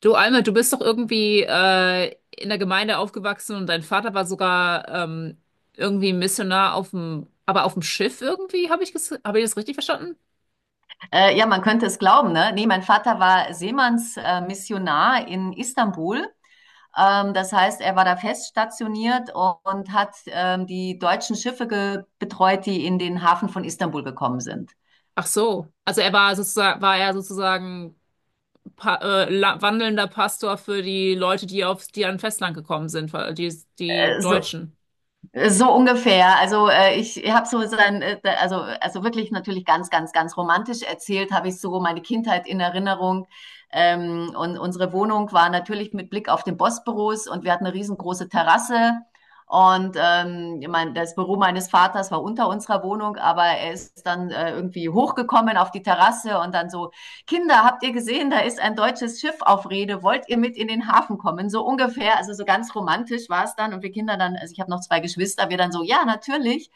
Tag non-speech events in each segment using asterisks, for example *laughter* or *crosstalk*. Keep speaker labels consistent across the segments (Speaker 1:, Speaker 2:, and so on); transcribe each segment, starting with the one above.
Speaker 1: Du, Alma, du bist doch irgendwie in der Gemeinde aufgewachsen und dein Vater war sogar irgendwie Missionar auf dem, aber auf dem Schiff irgendwie, habe ich, hab ich das richtig verstanden?
Speaker 2: Ja, man könnte es glauben, ne? Nee, mein Vater war Seemannsmissionar Missionar in Istanbul. Das heißt, er war da fest stationiert und hat die deutschen Schiffe betreut, die in den Hafen von Istanbul gekommen sind.
Speaker 1: Ach so, also er war sozusagen, war er sozusagen wandelnder Pastor für die Leute, die auf, die an Festland gekommen sind, weil die
Speaker 2: Äh, so,
Speaker 1: Deutschen.
Speaker 2: So ungefähr. Also ich habe also wirklich natürlich ganz romantisch erzählt, habe ich so meine Kindheit in Erinnerung. Und unsere Wohnung war natürlich mit Blick auf den Bossbüros und wir hatten eine riesengroße Terrasse. Und ich mein, das Büro meines Vaters war unter unserer Wohnung, aber er ist dann irgendwie hochgekommen auf die Terrasse und dann so: Kinder, habt ihr gesehen, da ist ein deutsches Schiff auf Rede, wollt ihr mit in den Hafen kommen? So ungefähr, also so ganz romantisch war es dann, und wir Kinder dann, also ich habe noch zwei Geschwister, wir dann so: ja, natürlich.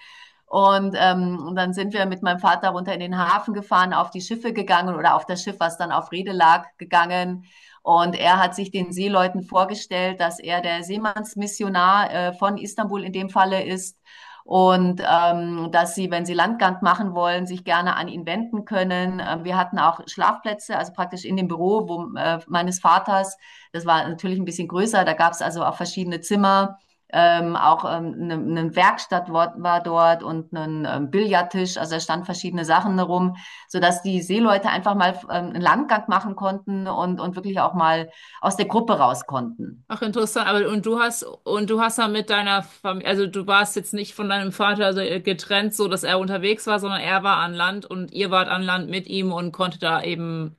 Speaker 2: Und und dann sind wir mit meinem Vater runter in den Hafen gefahren, auf die Schiffe gegangen oder auf das Schiff, was dann auf Rede lag, gegangen. Und er hat sich den Seeleuten vorgestellt, dass er der Seemannsmissionar von Istanbul in dem Falle ist, und dass sie, wenn sie Landgang machen wollen, sich gerne an ihn wenden können. Wir hatten auch Schlafplätze, also praktisch in dem Büro wo, meines Vaters. Das war natürlich ein bisschen größer, da gab es also auch verschiedene Zimmer. Auch eine Werkstatt war dort und ein Billardtisch, also da standen verschiedene Sachen herum, sodass die Seeleute einfach mal einen Landgang machen konnten und wirklich auch mal aus der Gruppe raus konnten.
Speaker 1: Ach, interessant. Aber und du hast dann mit deiner Familie, also du warst jetzt nicht von deinem Vater so getrennt, so dass er unterwegs war, sondern er war an Land und ihr wart an Land mit ihm und konnte da eben,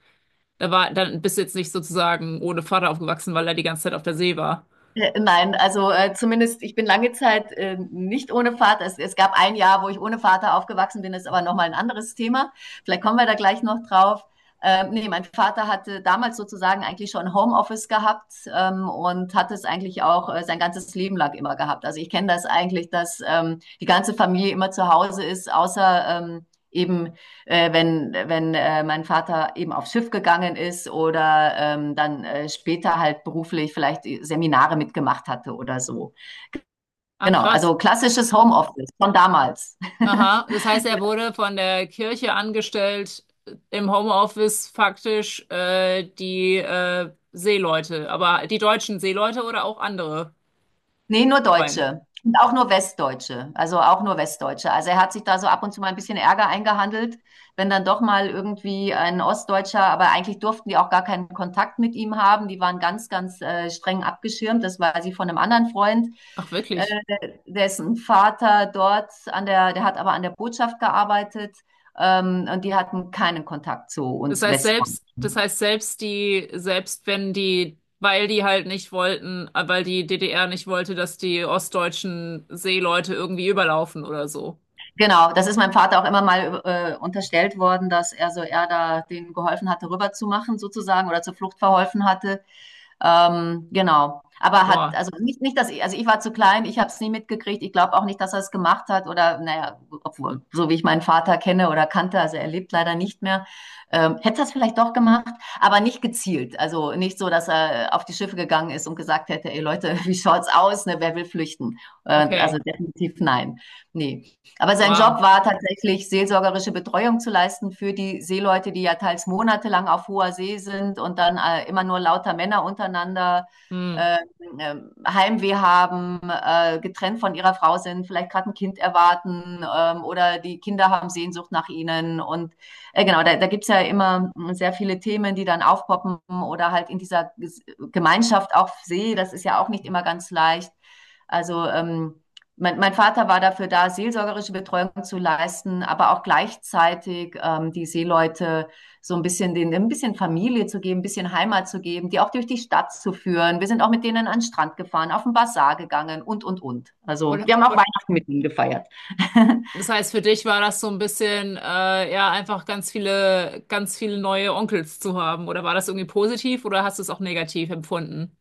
Speaker 1: da war, dann bist du jetzt nicht sozusagen ohne Vater aufgewachsen, weil er die ganze Zeit auf der See war.
Speaker 2: Nein, also, zumindest ich bin lange Zeit, nicht ohne Vater. Es gab ein Jahr, wo ich ohne Vater aufgewachsen bin, ist aber noch mal 'n anderes Thema. Vielleicht kommen wir da gleich noch drauf. Ne, mein Vater hatte damals sozusagen eigentlich schon Homeoffice gehabt, und hat es eigentlich auch, sein ganzes Leben lang immer gehabt. Also, ich kenne das eigentlich, dass, die ganze Familie immer zu Hause ist, außer, eben wenn mein Vater eben aufs Schiff gegangen ist oder dann später halt beruflich vielleicht Seminare mitgemacht hatte oder so.
Speaker 1: Ah,
Speaker 2: Genau,
Speaker 1: krass.
Speaker 2: also klassisches Homeoffice von damals. *laughs*
Speaker 1: Aha. Das heißt, er wurde von der Kirche angestellt, im Homeoffice faktisch die Seeleute, aber die deutschen Seeleute oder auch andere
Speaker 2: Nee, nur
Speaker 1: Freunde.
Speaker 2: Deutsche. Und auch nur Westdeutsche. Also auch nur Westdeutsche. Also er hat sich da so ab und zu mal ein bisschen Ärger eingehandelt, wenn dann doch mal irgendwie ein Ostdeutscher, aber eigentlich durften die auch gar keinen Kontakt mit ihm haben. Die waren ganz streng abgeschirmt. Das war sie von einem anderen Freund,
Speaker 1: Ach,
Speaker 2: äh,
Speaker 1: wirklich?
Speaker 2: dessen Vater dort an der, der hat aber an der Botschaft gearbeitet, und die hatten keinen Kontakt zu uns
Speaker 1: Das
Speaker 2: Westdeutschen.
Speaker 1: heißt selbst die, selbst wenn die, weil die halt nicht wollten, weil die DDR nicht wollte, dass die ostdeutschen Seeleute irgendwie überlaufen oder so.
Speaker 2: Genau, das ist meinem Vater auch immer mal unterstellt worden, dass er so er da denen geholfen hatte, rüberzumachen sozusagen oder zur Flucht verholfen hatte. Genau. Aber hat,
Speaker 1: Wow,
Speaker 2: also nicht, dass ich, also ich war zu klein, ich habe es nie mitgekriegt. Ich glaube auch nicht, dass er es gemacht hat oder, naja, obwohl, so wie ich meinen Vater kenne oder kannte, also er lebt leider nicht mehr, hätte er es vielleicht doch gemacht, aber nicht gezielt. Also nicht so, dass er auf die Schiffe gegangen ist und gesagt hätte, ey Leute, *laughs* wie schaut's aus, ne, wer will flüchten? Also
Speaker 1: okay,
Speaker 2: definitiv nein. Nee. Aber sein Job
Speaker 1: wow.
Speaker 2: war tatsächlich, seelsorgerische Betreuung zu leisten für die Seeleute, die ja teils monatelang auf hoher See sind und dann immer nur lauter Männer untereinander
Speaker 1: Hm.
Speaker 2: äh, äh, Heimweh haben, getrennt von ihrer Frau sind, vielleicht gerade ein Kind erwarten, oder die Kinder haben Sehnsucht nach ihnen. Und genau, da gibt's ja immer sehr viele Themen, die dann aufpoppen oder halt in dieser Gemeinschaft auf See, das ist ja auch nicht immer ganz leicht. Also mein Vater war dafür da, seelsorgerische Betreuung zu leisten, aber auch gleichzeitig die Seeleute so ein bisschen denen ein bisschen Familie zu geben, ein bisschen Heimat zu geben, die auch durch die Stadt zu führen. Wir sind auch mit denen an den Strand gefahren, auf den Basar gegangen und und und. Also
Speaker 1: Und,
Speaker 2: wir haben auch
Speaker 1: und
Speaker 2: Weihnachten mit ihnen gefeiert. *laughs*
Speaker 1: das heißt, für dich war das so ein bisschen, ja, einfach ganz viele neue Onkels zu haben. Oder war das irgendwie positiv oder hast du es auch negativ empfunden?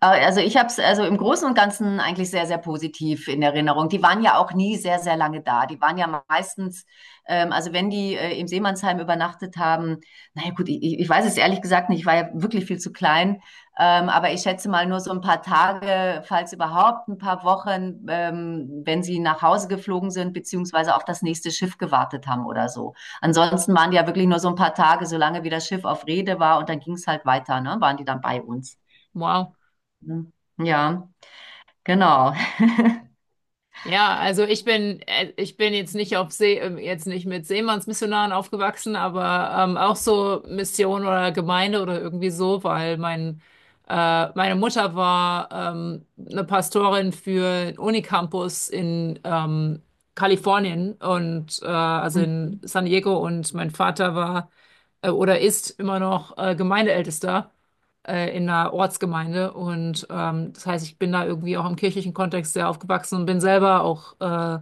Speaker 2: Also ich habe es also im Großen und Ganzen eigentlich sehr positiv in Erinnerung. Die waren ja auch nie sehr lange da. Die waren ja meistens, also wenn die im Seemannsheim übernachtet haben, naja gut, ich weiß es ehrlich gesagt nicht, ich war ja wirklich viel zu klein, aber ich schätze mal nur so ein paar Tage, falls überhaupt ein paar Wochen, wenn sie nach Hause geflogen sind, beziehungsweise auf das nächste Schiff gewartet haben oder so. Ansonsten waren die ja wirklich nur so ein paar Tage, solange wie das Schiff auf Rede war und dann ging es halt weiter, ne, waren die dann bei uns.
Speaker 1: Wow.
Speaker 2: Mhm. Ja, genau.
Speaker 1: Ja, also ich bin jetzt nicht auf See, jetzt nicht mit Seemannsmissionaren aufgewachsen, aber auch so Mission oder Gemeinde oder irgendwie so, weil mein, meine Mutter war eine Pastorin für einen Unicampus in Kalifornien und also in
Speaker 2: Mhm.
Speaker 1: San Diego und mein Vater war oder ist immer noch Gemeindeältester in einer Ortsgemeinde. Und das heißt, ich bin da irgendwie auch im kirchlichen Kontext sehr aufgewachsen und bin selber auch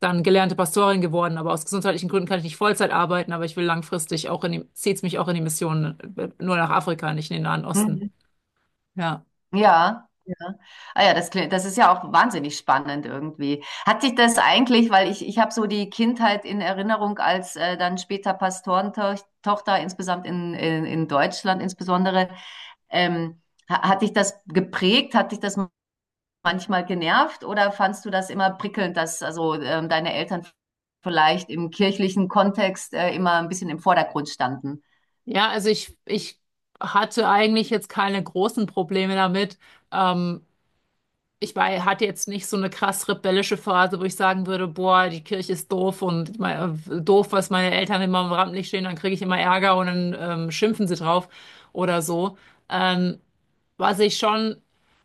Speaker 1: dann gelernte Pastorin geworden. Aber aus gesundheitlichen Gründen kann ich nicht Vollzeit arbeiten, aber ich will langfristig auch in die, zieht's mich auch in die Mission, nur nach Afrika, nicht in den Nahen Osten.
Speaker 2: Mhm.
Speaker 1: Ja.
Speaker 2: Ja, ja. Ah ja, das, das ist ja auch wahnsinnig spannend irgendwie. Hat dich das eigentlich, weil ich habe so die Kindheit in Erinnerung als dann später Pastorentochter, insgesamt in Deutschland insbesondere, ähm, hat dich das geprägt? Hat dich das manchmal genervt oder fandst du das immer prickelnd, dass also deine Eltern vielleicht im kirchlichen Kontext immer ein bisschen im Vordergrund standen?
Speaker 1: Ja, also ich hatte eigentlich jetzt keine großen Probleme damit. Ähm, ich war, hatte jetzt nicht so eine krass rebellische Phase, wo ich sagen würde, boah, die Kirche ist doof und mein, doof, was meine Eltern immer im Rampenlicht stehen, dann kriege ich immer Ärger und dann schimpfen sie drauf oder so. Ähm, was ich schon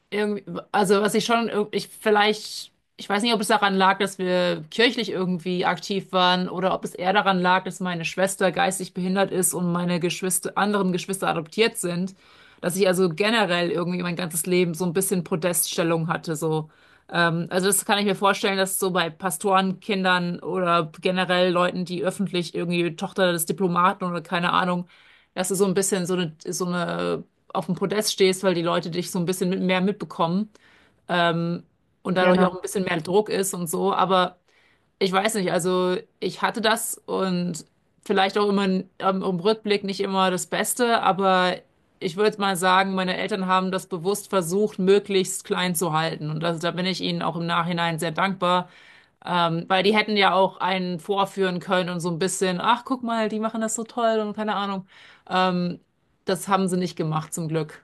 Speaker 1: irgendwie, also was ich schon, ich vielleicht, ich weiß nicht, ob es daran lag, dass wir kirchlich irgendwie aktiv waren oder ob es eher daran lag, dass meine Schwester geistig behindert ist und meine Geschwister, anderen Geschwister adoptiert sind, dass ich also generell irgendwie mein ganzes Leben so ein bisschen Podeststellung hatte, so. Also das kann ich mir vorstellen, dass so bei Pastorenkindern oder generell Leuten, die öffentlich irgendwie Tochter des Diplomaten oder keine Ahnung, dass du so ein bisschen so eine auf dem Podest stehst, weil die Leute dich so ein bisschen mit mehr mitbekommen ähm, und dadurch
Speaker 2: Genau.
Speaker 1: auch ein bisschen mehr Druck ist und so. Aber ich weiß nicht, also ich hatte das und vielleicht auch immer im Rückblick nicht immer das Beste, aber ich würde mal sagen, meine Eltern haben das bewusst versucht, möglichst klein zu halten. Und das, da bin ich ihnen auch im Nachhinein sehr dankbar, weil die hätten ja auch einen vorführen können und so ein bisschen, ach, guck mal, die machen das so toll und keine Ahnung. Ähm, das haben sie nicht gemacht, zum Glück.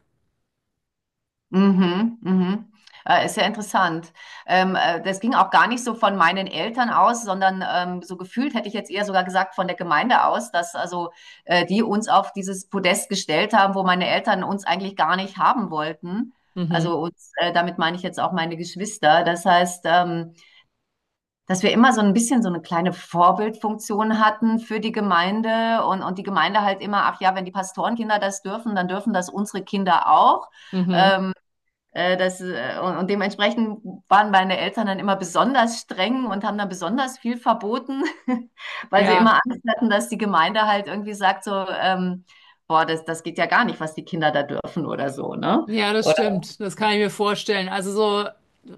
Speaker 2: Mhm, mhm. Ist ja interessant. Das ging auch gar nicht so von meinen Eltern aus, sondern so gefühlt hätte ich jetzt eher sogar gesagt von der Gemeinde aus, dass also die uns auf dieses Podest gestellt haben, wo meine Eltern uns eigentlich gar nicht haben wollten. Also
Speaker 1: Mhm.
Speaker 2: uns, damit meine ich jetzt auch meine Geschwister. Das heißt, dass wir immer so ein bisschen so eine kleine Vorbildfunktion hatten für die Gemeinde und die Gemeinde halt immer, ach ja, wenn die Pastorenkinder das dürfen, dann dürfen das unsere Kinder auch.
Speaker 1: Mhm.
Speaker 2: Und dementsprechend waren meine Eltern dann immer besonders streng und haben dann besonders viel verboten, *laughs* weil sie immer
Speaker 1: Ja,
Speaker 2: Angst hatten, dass die Gemeinde halt irgendwie sagt so, boah, das geht ja gar nicht, was die Kinder da dürfen oder so, ne?
Speaker 1: ja, das
Speaker 2: Oder,
Speaker 1: stimmt. Das kann ich mir vorstellen. Also so,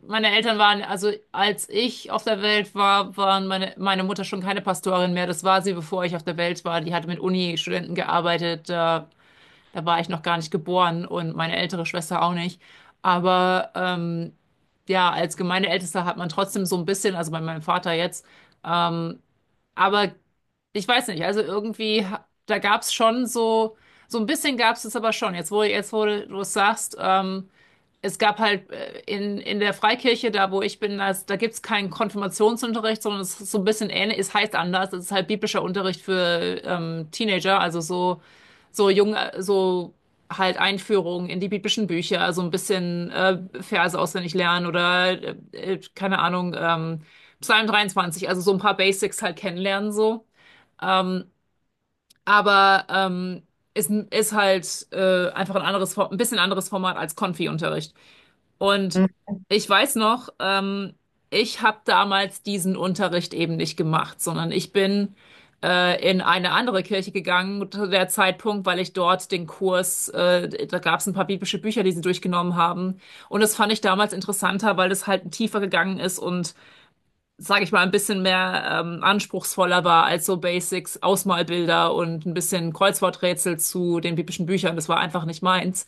Speaker 1: meine Eltern waren, also als ich auf der Welt war, waren meine, meine Mutter schon keine Pastorin mehr. Das war sie, bevor ich auf der Welt war. Die hatte mit Uni-Studenten gearbeitet. Da, da war ich noch gar nicht geboren und meine ältere Schwester auch nicht. Aber ja, als Gemeindeältester hat man trotzdem so ein bisschen, also bei meinem Vater jetzt, ähm, aber ich weiß nicht, also irgendwie, da gab es schon so, so ein bisschen gab es es aber schon. Jetzt, wo du es sagst, es gab halt in der Freikirche, da wo ich bin, da, da gibt es keinen Konfirmationsunterricht, sondern es ist so ein bisschen ähnlich, es heißt anders, es ist halt biblischer Unterricht für Teenager, also so, so jung, so halt Einführung in die biblischen Bücher, also ein bisschen Verse auswendig lernen oder keine Ahnung, Psalm 23. Also so ein paar Basics halt kennenlernen so. Ähm, aber ist, ist halt einfach ein anderes, ein bisschen anderes Format als Konfi-Unterricht. Und
Speaker 2: mhm.
Speaker 1: ich weiß noch, ich habe damals diesen Unterricht eben nicht gemacht, sondern ich bin in eine andere Kirche gegangen zu der Zeitpunkt, weil ich dort den Kurs, da gab es ein paar biblische Bücher, die sie durchgenommen haben. Und das fand ich damals interessanter, weil es halt tiefer gegangen ist und sage ich mal, ein bisschen mehr anspruchsvoller war als so Basics, Ausmalbilder und ein bisschen Kreuzworträtsel zu den biblischen Büchern. Das war einfach nicht meins.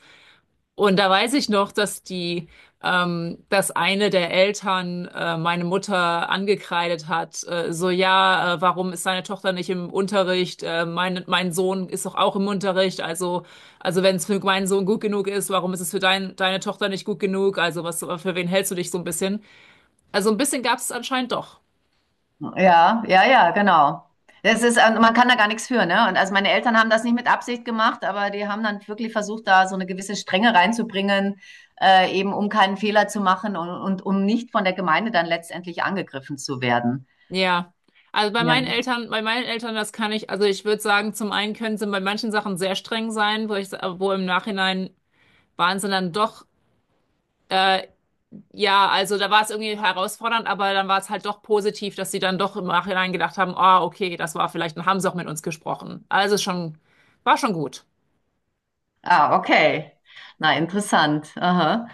Speaker 1: Und da weiß ich noch, dass die, dass eine der Eltern meine Mutter angekreidet hat, so ja, warum ist seine Tochter nicht im Unterricht? Mein Sohn ist doch auch im Unterricht. Also wenn es für meinen Sohn gut genug ist, warum ist es für dein, deine Tochter nicht gut genug? Also was, für wen hältst du dich so ein bisschen? Also ein bisschen gab es anscheinend doch.
Speaker 2: Ja, ja, ja, genau. Das ist, man kann da gar nichts für, ne? Und also meine Eltern haben das nicht mit Absicht gemacht, aber die haben dann wirklich versucht, da so eine gewisse Strenge reinzubringen, eben um keinen Fehler zu machen und um nicht von der Gemeinde dann letztendlich angegriffen zu werden.
Speaker 1: Ja, also
Speaker 2: Ja.
Speaker 1: Bei meinen Eltern, das kann ich, also ich würde sagen, zum einen können sie bei manchen Sachen sehr streng sein, wo ich, wo im Nachhinein waren sie dann doch, äh, ja, also da war es irgendwie herausfordernd, aber dann war es halt doch positiv, dass sie dann doch im Nachhinein gedacht haben, ah, okay, das war vielleicht, dann haben sie auch mit uns gesprochen. Also schon, war schon gut.
Speaker 2: Ah, okay. Na, interessant. Aha.